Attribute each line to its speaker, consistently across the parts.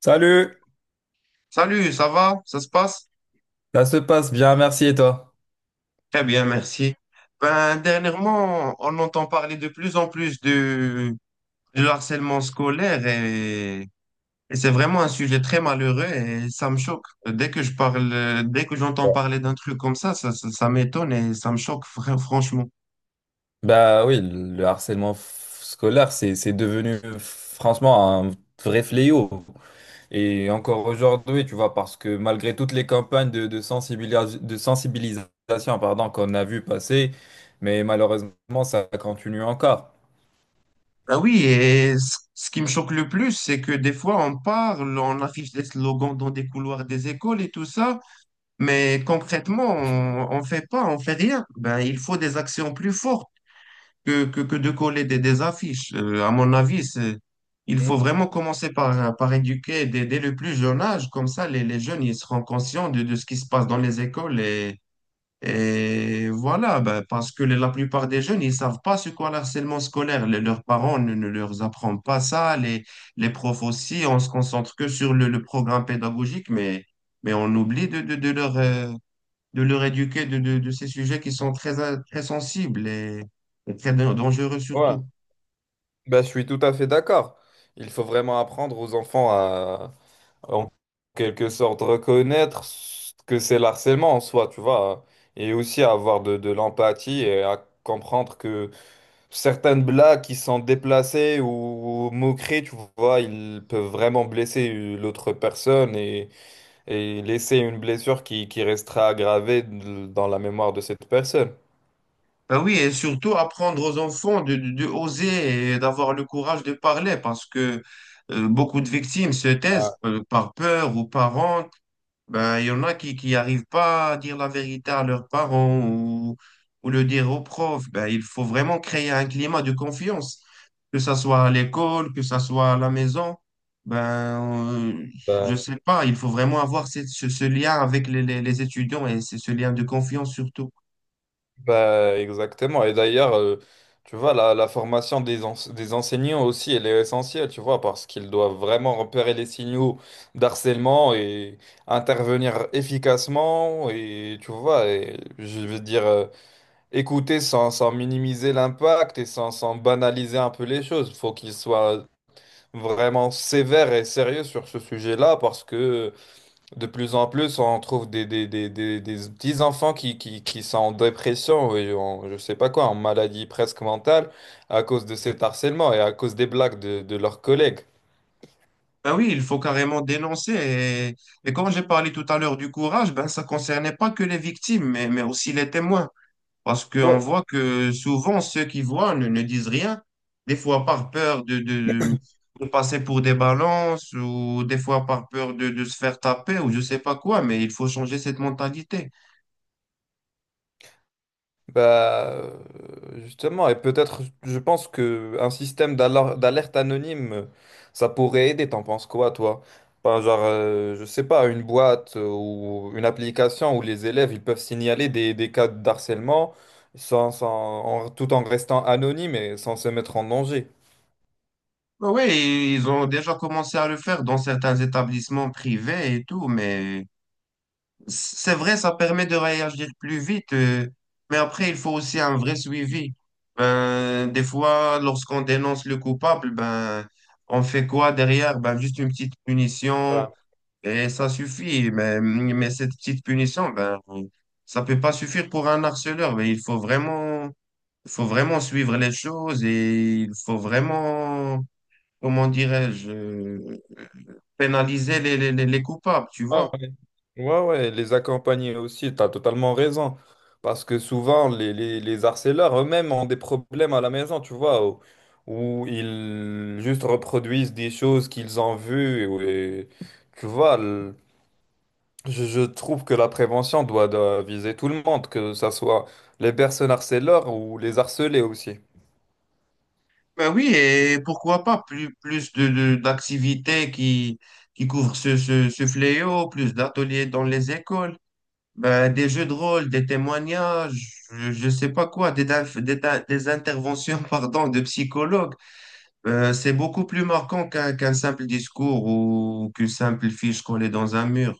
Speaker 1: Salut,
Speaker 2: Salut, ça va? Ça se passe?
Speaker 1: ça se passe bien, merci et toi?
Speaker 2: Très bien, merci. Ben, dernièrement, on entend parler de plus en plus du harcèlement scolaire et c'est vraiment un sujet très malheureux et ça me choque. Dès que je parle, dès que j'entends parler d'un truc comme ça, ça m'étonne et ça me choque franchement.
Speaker 1: Bah oui, le harcèlement scolaire, c'est devenu franchement un vrai fléau. Et encore aujourd'hui, tu vois, parce que malgré toutes les campagnes de de sensibilisation, pardon, qu'on a vu passer, mais malheureusement, ça continue encore.
Speaker 2: Ah oui, et ce qui me choque le plus, c'est que des fois on parle, on affiche des slogans dans des couloirs des écoles et tout ça, mais concrètement, on fait pas, on fait rien. Ben, il faut des actions plus fortes que de coller des affiches. À mon avis, il faut
Speaker 1: Mhm.
Speaker 2: vraiment commencer par éduquer dès le plus jeune âge. Comme ça, les jeunes, ils seront conscients de ce qui se passe dans les écoles. Et voilà, ben, parce que la plupart des jeunes, ils savent pas ce qu'est le harcèlement scolaire. Les leurs parents ne leur apprennent pas ça. Les profs aussi, on se concentre que sur le programme pédagogique, mais on oublie de leur éduquer de ces sujets qui sont très, très sensibles et très dangereux
Speaker 1: Ouais,
Speaker 2: surtout.
Speaker 1: bah, je suis tout à fait d'accord. Il faut vraiment apprendre aux enfants en quelque sorte reconnaître ce que c'est le harcèlement en soi, tu vois, hein. Et aussi avoir de l'empathie et à comprendre que certaines blagues qui sont déplacées ou moqueries, tu vois, ils peuvent vraiment blesser l'autre personne et laisser une blessure qui restera aggravée dans la mémoire de cette personne.
Speaker 2: Ben oui, et surtout apprendre aux enfants de oser et d'avoir le courage de parler parce que beaucoup de victimes se
Speaker 1: Ouais.
Speaker 2: taisent par peur ou par honte. Ben, il y en a qui arrivent pas à dire la vérité à leurs parents ou le dire aux profs. Ben, il faut vraiment créer un climat de confiance, que ça soit à l'école, que ça soit à la maison. Ben, euh, je
Speaker 1: bah,
Speaker 2: sais pas, il faut vraiment avoir ce lien avec les étudiants et c'est ce lien de confiance surtout.
Speaker 1: Bah, exactement. Et d'ailleurs, tu vois, la formation des des enseignants aussi, elle est essentielle, tu vois, parce qu'ils doivent vraiment repérer les signaux d'harcèlement et intervenir efficacement. Et tu vois, et je veux dire, écouter sans minimiser l'impact et sans banaliser un peu les choses. Il faut qu'ils soient vraiment sévères et sérieux sur ce sujet-là, parce que de plus en plus, on trouve des petits enfants qui sont en dépression et en, je sais pas quoi, en maladie presque mentale à cause de cet harcèlement et à cause des blagues de leurs collègues.
Speaker 2: Ben oui, il faut carrément dénoncer. Et comme j'ai parlé tout à l'heure du courage, ben ça concernait pas que les victimes, mais aussi les témoins. Parce qu'on
Speaker 1: Ouais.
Speaker 2: voit que souvent, ceux qui voient ne disent rien, des fois par peur de passer pour des balances ou des fois par peur de se faire taper ou je sais pas quoi, mais il faut changer cette mentalité.
Speaker 1: Bah, justement, et peut-être, je pense que un système d'alerte anonyme, ça pourrait aider. T'en penses quoi, toi? Enfin, genre, je sais pas, une boîte ou une application où les élèves ils peuvent signaler des cas de harcèlement sans, sans- tout en restant anonymes et sans se mettre en danger.
Speaker 2: Oui, ils ont déjà commencé à le faire dans certains établissements privés et tout, mais c'est vrai, ça permet de réagir plus vite, mais après, il faut aussi un vrai suivi. Ben, des fois, lorsqu'on dénonce le coupable, ben, on fait quoi derrière? Ben, juste une petite punition et ça suffit. Mais cette petite punition, ben, ça peut pas suffire pour un harceleur. Il faut vraiment suivre les choses et il faut vraiment, comment dirais-je, pénaliser les coupables, tu
Speaker 1: Ah
Speaker 2: vois?
Speaker 1: ouais. Ouais, ouais, les accompagner aussi, tu as totalement raison. Parce que souvent, les harceleurs eux-mêmes ont des problèmes à la maison, tu vois, où ils juste reproduisent des choses qu'ils ont vues. Tu vois, le- je trouve que la prévention doit viser tout le monde, que ça soit les personnes harceleurs ou les harcelés aussi.
Speaker 2: Ben oui, et pourquoi pas plus d'activités qui couvrent ce fléau, plus d'ateliers dans les écoles, ben, des jeux de rôle, des témoignages, je ne sais pas quoi, des, daf- des, ta- des interventions pardon, de psychologues. C'est beaucoup plus marquant qu'un simple discours ou qu'une simple fiche collée dans un mur.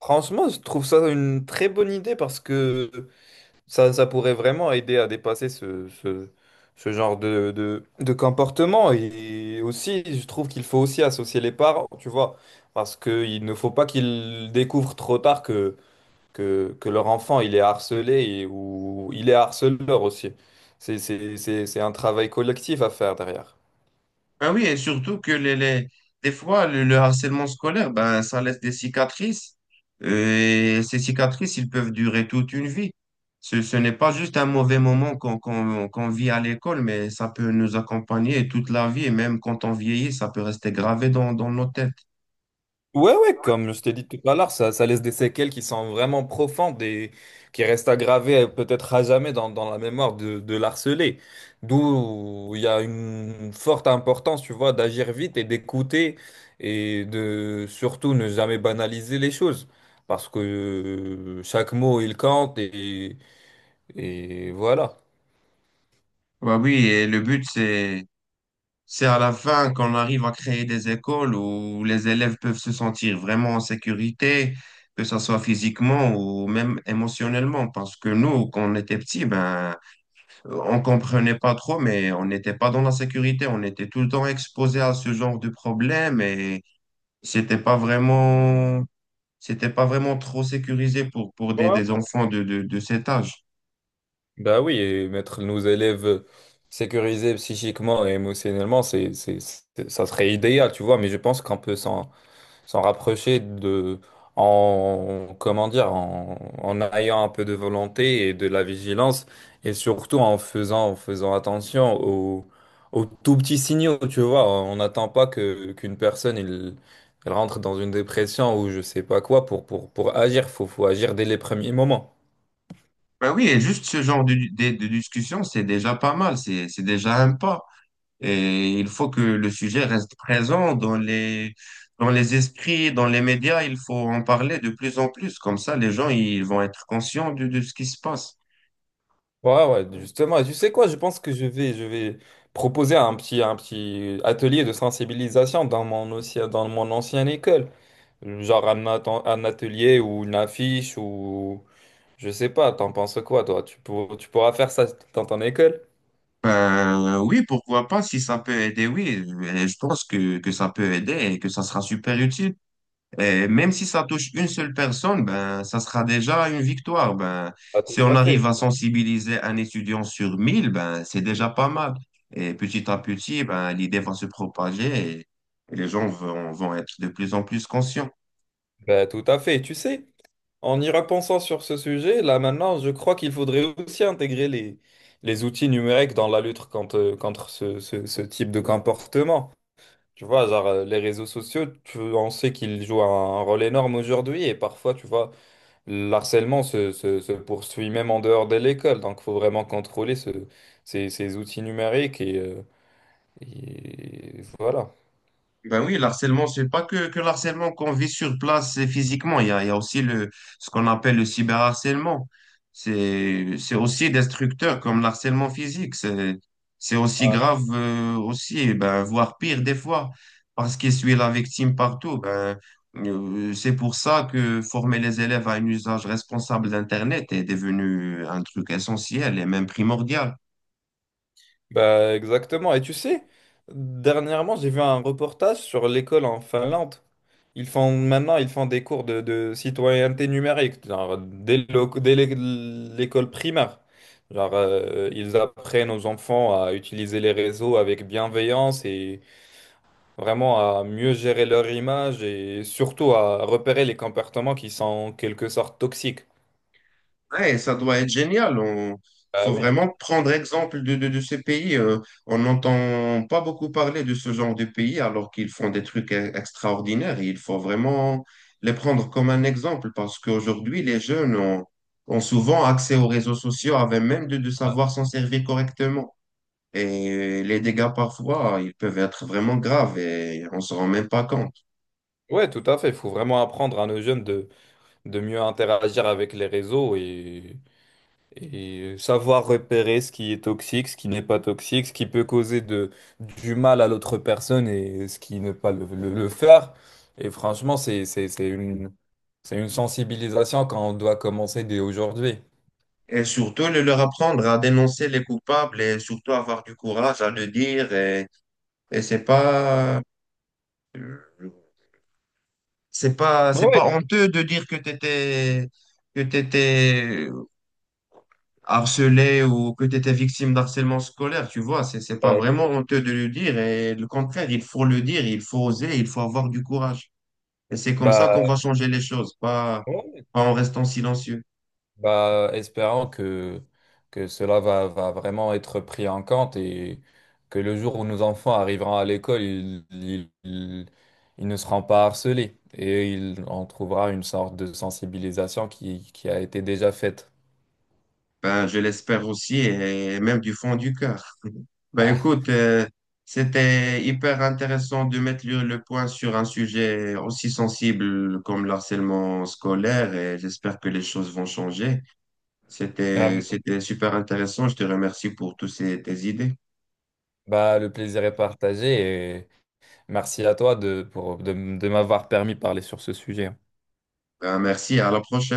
Speaker 1: Franchement, je trouve ça une très bonne idée parce que ça pourrait vraiment aider à dépasser ce genre de comportement. Et aussi, je trouve qu'il faut aussi associer les parents, tu vois, parce qu'il ne faut pas qu'ils découvrent trop tard que leur enfant, il est harcelé ou il est harceleur aussi. C'est un travail collectif à faire derrière.
Speaker 2: Ben oui, et surtout que des fois, le harcèlement scolaire, ben, ça laisse des cicatrices. Et ces cicatrices, ils peuvent durer toute une vie. Ce n'est pas juste un mauvais moment qu'on vit à l'école, mais ça peut nous accompagner toute la vie. Et même quand on vieillit, ça peut rester gravé dans nos têtes.
Speaker 1: Ouais, ouais, comme je t'ai dit tout à l'heure, ça laisse des séquelles qui sont vraiment profondes et qui restent aggravées peut-être à jamais dans la mémoire de l'harcelé. D'où il y a une forte importance, tu vois, d'agir vite et d'écouter et de surtout ne jamais banaliser les choses. Parce que chaque mot, il compte et voilà.
Speaker 2: Ouais, oui, et le but, c'est à la fin qu'on arrive à créer des écoles où les élèves peuvent se sentir vraiment en sécurité, que ce soit physiquement ou même émotionnellement. Parce que nous, quand on était petits, ben, on comprenait pas trop, mais on n'était pas dans la sécurité. On était tout le temps exposé à ce genre de problème et c'était pas vraiment, c'était pas vraiment trop sécurisé pour, des enfants de cet âge.
Speaker 1: Bah oui, et mettre nos élèves sécurisés psychiquement et émotionnellement, ça serait idéal, tu vois, mais je pense qu'on peut s'en rapprocher de, en, comment dire, en, en ayant un peu de volonté et de la vigilance, et surtout en faisant attention aux tout petits signaux, tu vois. On n'attend pas qu'une personne, elle rentre dans une dépression ou je sais pas quoi pour agir. Faut agir dès les premiers moments.
Speaker 2: Ben oui, et juste ce genre de discussion, c'est déjà pas mal, c'est déjà un pas. Et il faut que le sujet reste présent dans les esprits, dans les médias. Il faut en parler de plus en plus. Comme ça, les gens, ils vont être conscients de ce qui se passe.
Speaker 1: Ouais, ouais, justement. Et tu sais quoi, je pense que je vais proposer un petit atelier de sensibilisation dans mon, aussi, dans mon ancienne école. Un atelier ou une affiche ou je sais pas, t'en penses quoi, toi? Tu pourras faire ça dans ton école?
Speaker 2: Ben, oui, pourquoi pas, si ça peut aider, oui. Et je pense que ça peut aider et que ça sera super utile. Et même si ça touche une seule personne, ben, ça sera déjà une victoire. Ben,
Speaker 1: Ah, tout
Speaker 2: si on
Speaker 1: à
Speaker 2: arrive
Speaker 1: fait.
Speaker 2: à sensibiliser un étudiant sur 1000, ben, c'est déjà pas mal. Et petit à petit, ben, l'idée va se propager, et les gens vont être de plus en plus conscients.
Speaker 1: Bah, tout à fait. Tu sais, en y repensant sur ce sujet, là maintenant, je crois qu'il faudrait aussi intégrer les outils numériques dans la lutte contre ce type de comportement. Tu vois, genre, les réseaux sociaux, on sait qu'ils jouent un rôle énorme aujourd'hui et parfois, tu vois, se poursuit même en dehors de l'école. Donc, il faut vraiment contrôler ces outils numériques et voilà.
Speaker 2: Ben oui, le harcèlement, c'est pas que, que le harcèlement qu'on vit sur place physiquement. Il y a aussi ce qu'on appelle le cyberharcèlement. C'est aussi destructeur comme le harcèlement physique. C'est aussi grave, ben, voire pire des fois, parce qu'il suit la victime partout. C'est pour ça que former les élèves à un usage responsable d'Internet est devenu un truc essentiel et même primordial.
Speaker 1: Bah exactement. Et tu sais, dernièrement, j'ai vu un reportage sur l'école en Finlande. Ils font des cours de citoyenneté numérique, genre dès le- dès l'é- l'école primaire. Genre, ils apprennent aux enfants à utiliser les réseaux avec bienveillance et vraiment à mieux gérer leur image et surtout à repérer les comportements qui sont en quelque sorte toxiques.
Speaker 2: Ouais, ça doit être génial. On...
Speaker 1: Ah
Speaker 2: faut
Speaker 1: oui.
Speaker 2: vraiment prendre exemple de ces pays. Euh, on n'entend pas beaucoup parler de ce genre de pays alors qu'ils font des trucs extraordinaires. Il faut vraiment les prendre comme un exemple parce qu'aujourd'hui, les jeunes ont souvent accès aux réseaux sociaux avant même de savoir s'en servir correctement. Et les dégâts parfois, ils peuvent être vraiment graves et on se rend même pas compte.
Speaker 1: Ouais, tout à fait. Il faut vraiment apprendre à nos jeunes de mieux interagir avec les réseaux et savoir repérer ce qui est toxique, ce qui n'est pas toxique, ce qui peut causer de, du mal à l'autre personne et ce qui ne pas le faire. Et franchement, c'est une sensibilisation quand on doit commencer dès aujourd'hui.
Speaker 2: Et surtout, le leur apprendre à dénoncer les coupables et surtout avoir du courage à le dire. Et c'est pas, c'est
Speaker 1: Ouais,
Speaker 2: pas
Speaker 1: ouais.
Speaker 2: honteux de dire que t'étais harcelé ou que t'étais victime d'harcèlement scolaire, tu vois. C'est pas
Speaker 1: Ouais.
Speaker 2: vraiment honteux de le dire. Et le contraire, il faut le dire, il faut oser, il faut avoir du courage. Et c'est comme ça qu'on va
Speaker 1: Bah,
Speaker 2: changer les choses, pas,
Speaker 1: ouais.
Speaker 2: pas en restant silencieux.
Speaker 1: Bah, espérant que, va vraiment être pris en compte et que le jour où nos enfants arriveront à l'école, ils ne seront pas harcelés et ils, on trouvera une sorte de sensibilisation qui a été déjà faite.
Speaker 2: Ben, je l'espère aussi et même du fond du cœur. Ben
Speaker 1: Ah.
Speaker 2: écoute, c'était hyper intéressant de mettre le point sur un sujet aussi sensible comme le harcèlement scolaire et j'espère que les choses vont changer.
Speaker 1: Ah,
Speaker 2: C'était super intéressant. Je te remercie pour toutes tes idées.
Speaker 1: Bah, le plaisir est partagé et merci à toi de de m'avoir permis de parler sur ce sujet.
Speaker 2: Ben, merci, à la prochaine.